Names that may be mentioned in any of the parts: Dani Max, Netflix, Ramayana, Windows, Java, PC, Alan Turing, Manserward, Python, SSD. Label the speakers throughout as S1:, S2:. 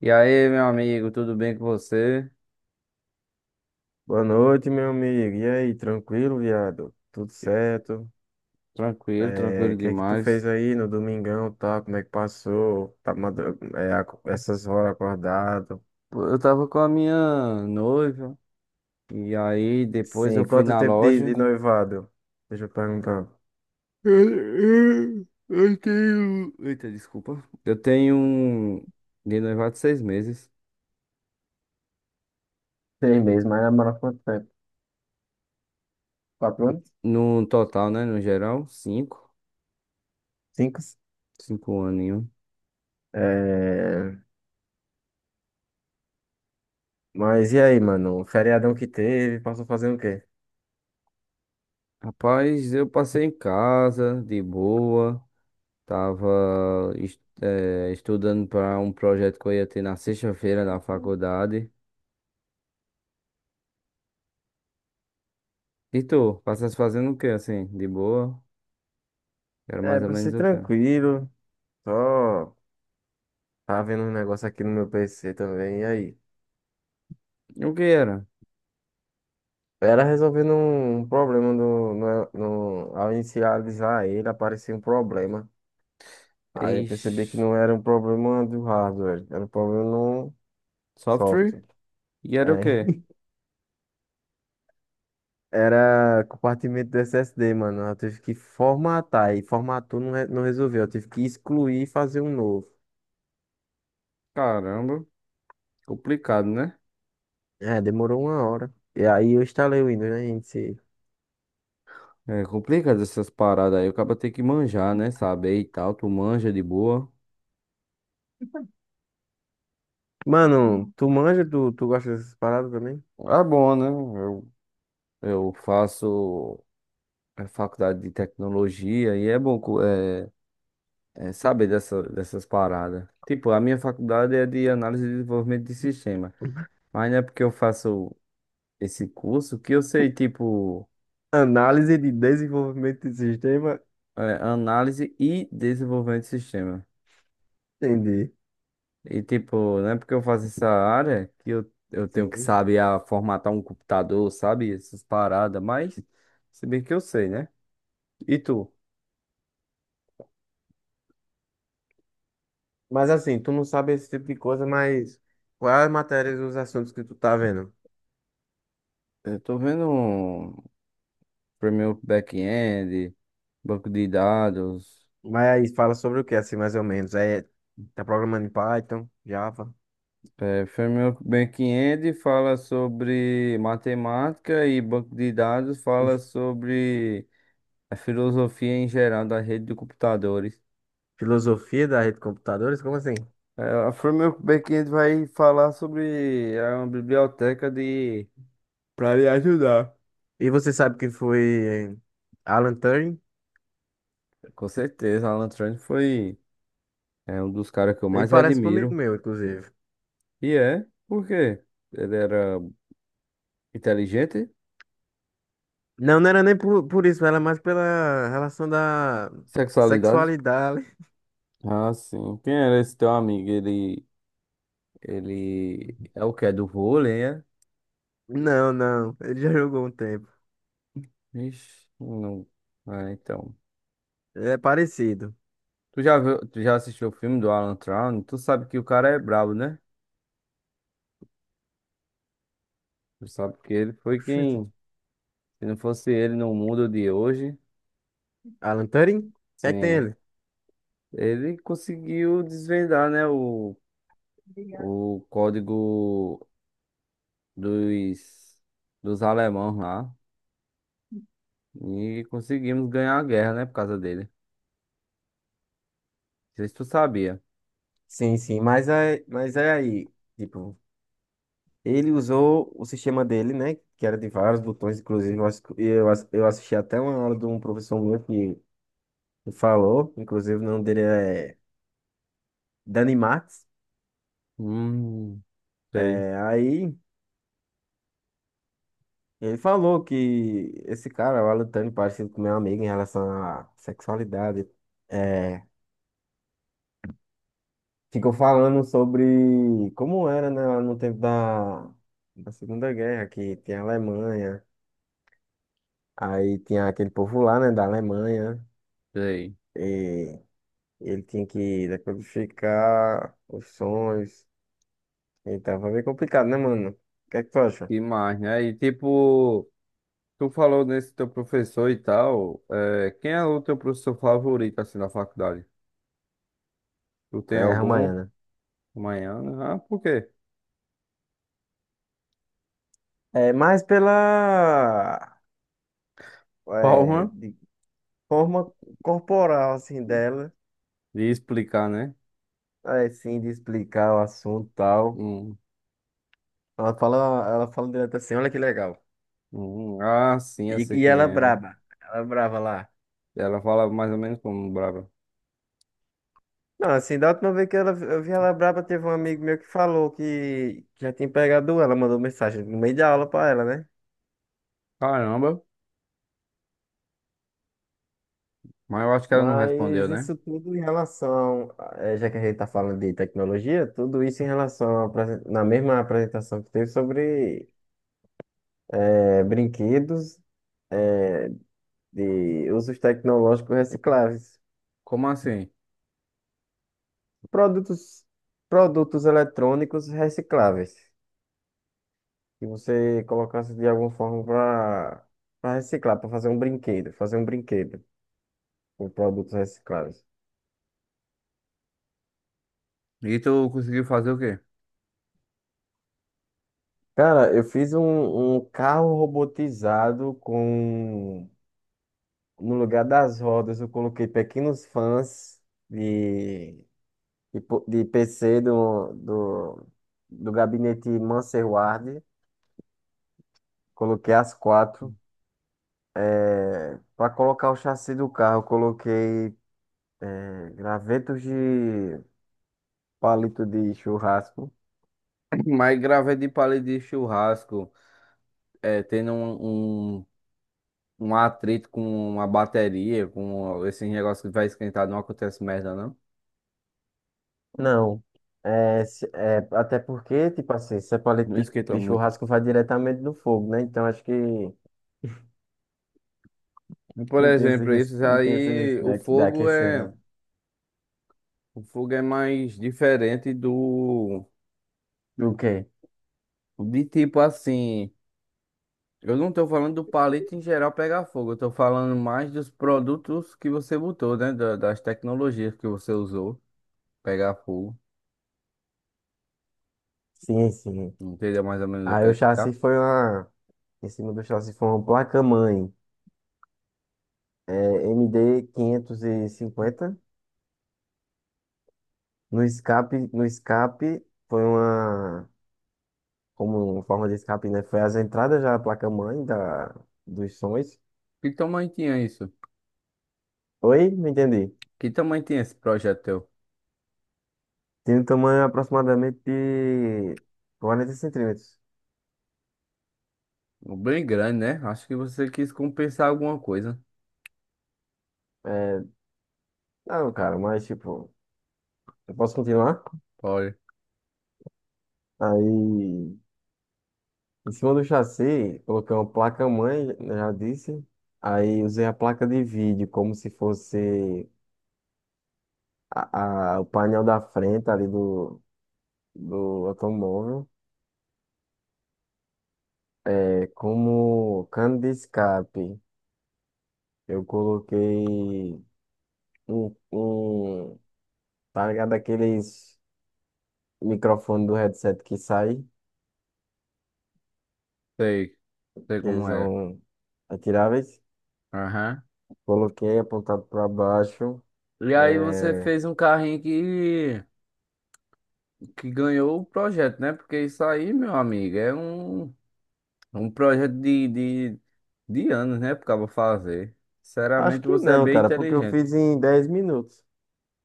S1: E aí, meu amigo, tudo bem com você?
S2: Boa noite, meu amigo. E aí, tranquilo, viado? Tudo certo?
S1: Tranquilo,
S2: É,
S1: tranquilo
S2: o que é que tu fez
S1: demais.
S2: aí no domingão, tá? Como é que passou? Tá, essas horas acordado?
S1: Pô, eu tava com a minha noiva, e aí depois
S2: Sim,
S1: eu fui
S2: quanto
S1: na
S2: tempo de,
S1: loja.
S2: de noivado? Deixa eu perguntar.
S1: Eu tenho. Eita, desculpa. Eu tenho um de noivado 6 meses.
S2: Seis meses, mas namora quanto tempo? Quatro anos?
S1: No total, né? No geral, cinco.
S2: Cinco?
S1: Cinco aninhos.
S2: É, mas e aí, mano? O feriadão que teve, passou fazendo o quê?
S1: Rapaz, eu passei em casa, de boa. Tava, estudando para um projeto que eu ia ter na sexta-feira na faculdade. E tu, passaste fazendo o que assim? De boa? Era
S2: É,
S1: mais ou
S2: pra ser
S1: menos o quê?
S2: tranquilo. Só tava vendo um negócio aqui no meu PC também. E aí?
S1: O que era?
S2: Era resolvendo um problema do no, no- ao inicializar ele, aparecia um problema. Aí eu percebi que
S1: Ixi,
S2: não era um problema do hardware, era um problema no software.
S1: software? E era o
S2: É.
S1: quê?
S2: Era compartimento do SSD, mano. Eu tive que formatar e formatou não, não resolveu. Eu tive que excluir e fazer um novo.
S1: Caramba, complicado, né?
S2: É, demorou uma hora. E aí eu instalei o Windows, né, gente?
S1: É complicado essas paradas aí. O cara tem que manjar, né? Saber e tal. Tu manja de boa.
S2: Mano, tu manja, tu gosta dessas paradas também?
S1: É bom, né? Eu faço a faculdade de tecnologia e é bom é saber dessas paradas. Tipo, a minha faculdade é de análise e desenvolvimento de sistema. Mas não é porque eu faço esse curso que eu sei, tipo,
S2: Análise de desenvolvimento de sistema?
S1: é, análise e desenvolvimento de sistema.
S2: Entendi.
S1: E, tipo, não é porque eu faço essa área que eu tenho que
S2: Sim.
S1: saber a formatar um computador, sabe? Essas paradas, mas se bem que eu sei, né? E tu?
S2: Mas assim, tu não sabe esse tipo de coisa, mas quais as matérias e os assuntos que tu tá vendo?
S1: Eu tô vendo um framework back-end, banco de dados.
S2: Mas aí fala sobre o que, assim, mais ou menos? É, tá programando em Python, Java,
S1: É, framework back-end fala sobre matemática e banco de dados fala sobre a filosofia em geral da rede de computadores.
S2: filosofia da rede de computadores? Como assim?
S1: É, a Framework Backend vai falar sobre a biblioteca de para lhe ajudar.
S2: E você sabe quem foi Alan Turing?
S1: Com certeza, Alan Turing foi um dos caras que eu
S2: Ele
S1: mais
S2: parece comigo
S1: admiro.
S2: meu, inclusive.
S1: E por quê? Ele era inteligente,
S2: Não, não era nem por isso, era mais pela relação da
S1: sexualidade.
S2: sexualidade.
S1: Ah, sim. Quem era esse teu amigo? Ele é o que é do vôlei, é?
S2: Não, não, ele já jogou um tempo.
S1: Ixi, não. Ah, então.
S2: É parecido.
S1: Tu já assistiu o filme do Alan Turing? Tu sabe que o cara é brabo, né? Tu sabe que ele foi
S2: Oxente.
S1: quem, se não fosse ele no mundo de hoje,
S2: Alan Turing? O que é que tem
S1: sim,
S2: ele?
S1: ele conseguiu desvendar, né, o código dos, dos alemãos lá. E conseguimos ganhar a guerra, né, por causa dele. Não sei se tu sabia.
S2: Sim, sim, mas é aí, tipo, ele usou o sistema dele, né, que era de vários botões, inclusive eu assisti até uma aula de um professor meu que falou, inclusive o nome dele é Dani Max,
S1: Hum, sei,
S2: é, aí ele falou que esse cara, o Alan Turing, parecido com meu amigo em relação à sexualidade, é, ficou falando sobre como era, né, lá no tempo da Segunda Guerra, que tem a Alemanha. Aí tinha aquele povo lá, né, da Alemanha,
S1: sei.
S2: e ele tinha que decodificar os sons. Então foi bem complicado, né, mano? O que é que tu acha?
S1: Que mais, né? E tipo, tu falou nesse teu professor e tal. Quem é o teu professor favorito, assim, na faculdade? Tu tem
S2: É,
S1: algum?
S2: Ramayana.
S1: Amanhã? Ah, por quê?
S2: É, mais pela é,
S1: Palma.
S2: de forma corporal, assim, dela,
S1: De explicar, né?
S2: é, sim, de explicar o assunto e tal.
S1: Hum.
S2: Ela fala, ela fala direto assim, olha que legal.
S1: Ah, sim,
S2: E,
S1: eu sei
S2: e
S1: quem é.
S2: ela é braba lá.
S1: Ela fala mais ou menos como brava.
S2: Não, assim, da última vez que ela, eu vi ela braba, teve um amigo meu que falou que já tinha pegado ela, mandou mensagem no meio da aula pra ela, né?
S1: Caramba, mas eu acho que ela não respondeu,
S2: Mas
S1: né?
S2: isso tudo em relação, já que a gente tá falando de tecnologia, tudo isso em relação à na mesma apresentação que teve sobre brinquedos, eh, de usos tecnológicos recicláveis,
S1: Como assim?
S2: produtos, produtos eletrônicos recicláveis, que você colocasse de alguma forma para para reciclar, para fazer um brinquedo com produtos recicláveis.
S1: E tu conseguiu fazer o quê?
S2: Cara, eu fiz um carro robotizado com no lugar das rodas eu coloquei pequenos fãs de de PC do gabinete Manserward. Coloquei as quatro. Para colocar o chassi do carro, eu coloquei gravetos de palito de churrasco.
S1: Mas gravei de palha de churrasco, tendo um atrito com uma bateria, com esse negócio que vai esquentar, não acontece merda, não?
S2: Não. É, até porque, tipo assim, se é
S1: Não
S2: paleta
S1: esquenta
S2: de
S1: muito.
S2: churrasco vai diretamente no fogo, né? Então acho que
S1: E, por
S2: não tem esse
S1: exemplo,
S2: risco,
S1: isso
S2: não tem esse
S1: aí,
S2: risco
S1: o
S2: de
S1: fogo
S2: aquecer,
S1: é,
S2: não.
S1: o fogo é mais diferente do,
S2: O quê?
S1: de tipo assim. Eu não tô falando do palito em geral pegar fogo, eu tô falando mais dos produtos que você botou, né? Das tecnologias que você usou pegar fogo.
S2: Sim, sim.
S1: Entendeu mais ou menos o que eu
S2: Aí o
S1: quero
S2: chassi
S1: chegar?
S2: foi uma. Em cima do chassi foi uma placa-mãe. É, MD cinquenta. No escape, no escape foi uma. Como forma de escape, né? Foi as entradas já a placa-mãe da, dos sons.
S1: Que tamanho tinha isso?
S2: Oi? Não entendi.
S1: Que tamanho tinha esse projeto teu?
S2: Tem um tamanho aproximadamente de 40 centímetros.
S1: Bem grande, né? Acho que você quis compensar alguma coisa.
S2: É, não, cara, mas tipo, eu posso continuar?
S1: Olha,
S2: Aí, em cima do chassi, coloquei uma placa-mãe, eu já disse. Aí usei a placa de vídeo como se fosse o painel da frente ali do automóvel. É, como cano de escape, eu coloquei um, um, tá ligado? Aqueles microfone do headset que sai,
S1: sei, sei
S2: que
S1: como é.
S2: são atiráveis.
S1: Aham.
S2: Coloquei apontado para baixo.
S1: E aí você
S2: É.
S1: fez um carrinho que ganhou o projeto, né? Porque isso aí, meu amigo, é um. É um projeto de anos, né? Porque eu vou fazer.
S2: Acho
S1: Sinceramente,
S2: que
S1: você é
S2: não,
S1: bem
S2: cara, porque eu
S1: inteligente.
S2: fiz em 10 minutos.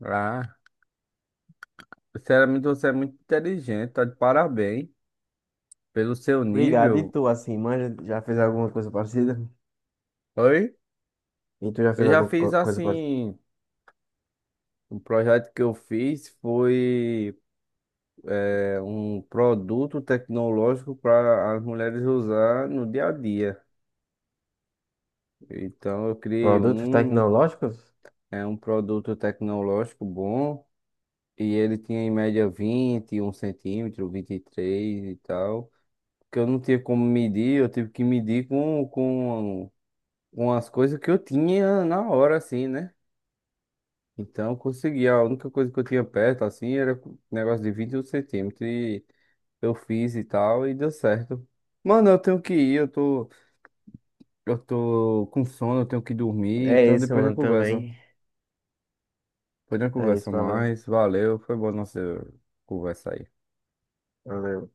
S1: Ah, sinceramente, você é muito inteligente. Tá de parabéns pelo seu
S2: Obrigado. E
S1: nível.
S2: tu, assim, manja, já fez alguma coisa parecida?
S1: Oi?
S2: E tu já
S1: Eu
S2: fez
S1: já
S2: alguma
S1: fiz
S2: coisa parecida?
S1: assim. Um projeto que eu fiz foi um produto tecnológico para as mulheres usar no dia a dia. Então, eu criei
S2: Produtos tecnológicos?
S1: é um produto tecnológico bom. E ele tinha em média 21 centímetros, 23 e tal. Que eu não tinha como medir, eu tive que medir com as coisas que eu tinha na hora, assim, né? Então eu consegui. A única coisa que eu tinha perto, assim, era um negócio de 21 centímetros. E eu fiz e tal, e deu certo. Mano, eu tenho que ir, eu tô com sono, eu tenho que dormir.
S2: É
S1: Então
S2: isso,
S1: depois a gente
S2: mano,
S1: conversa.
S2: também.
S1: Depois a gente
S2: É isso,
S1: conversa
S2: valeu.
S1: mais. Valeu, foi boa nossa conversa aí.
S2: Valeu.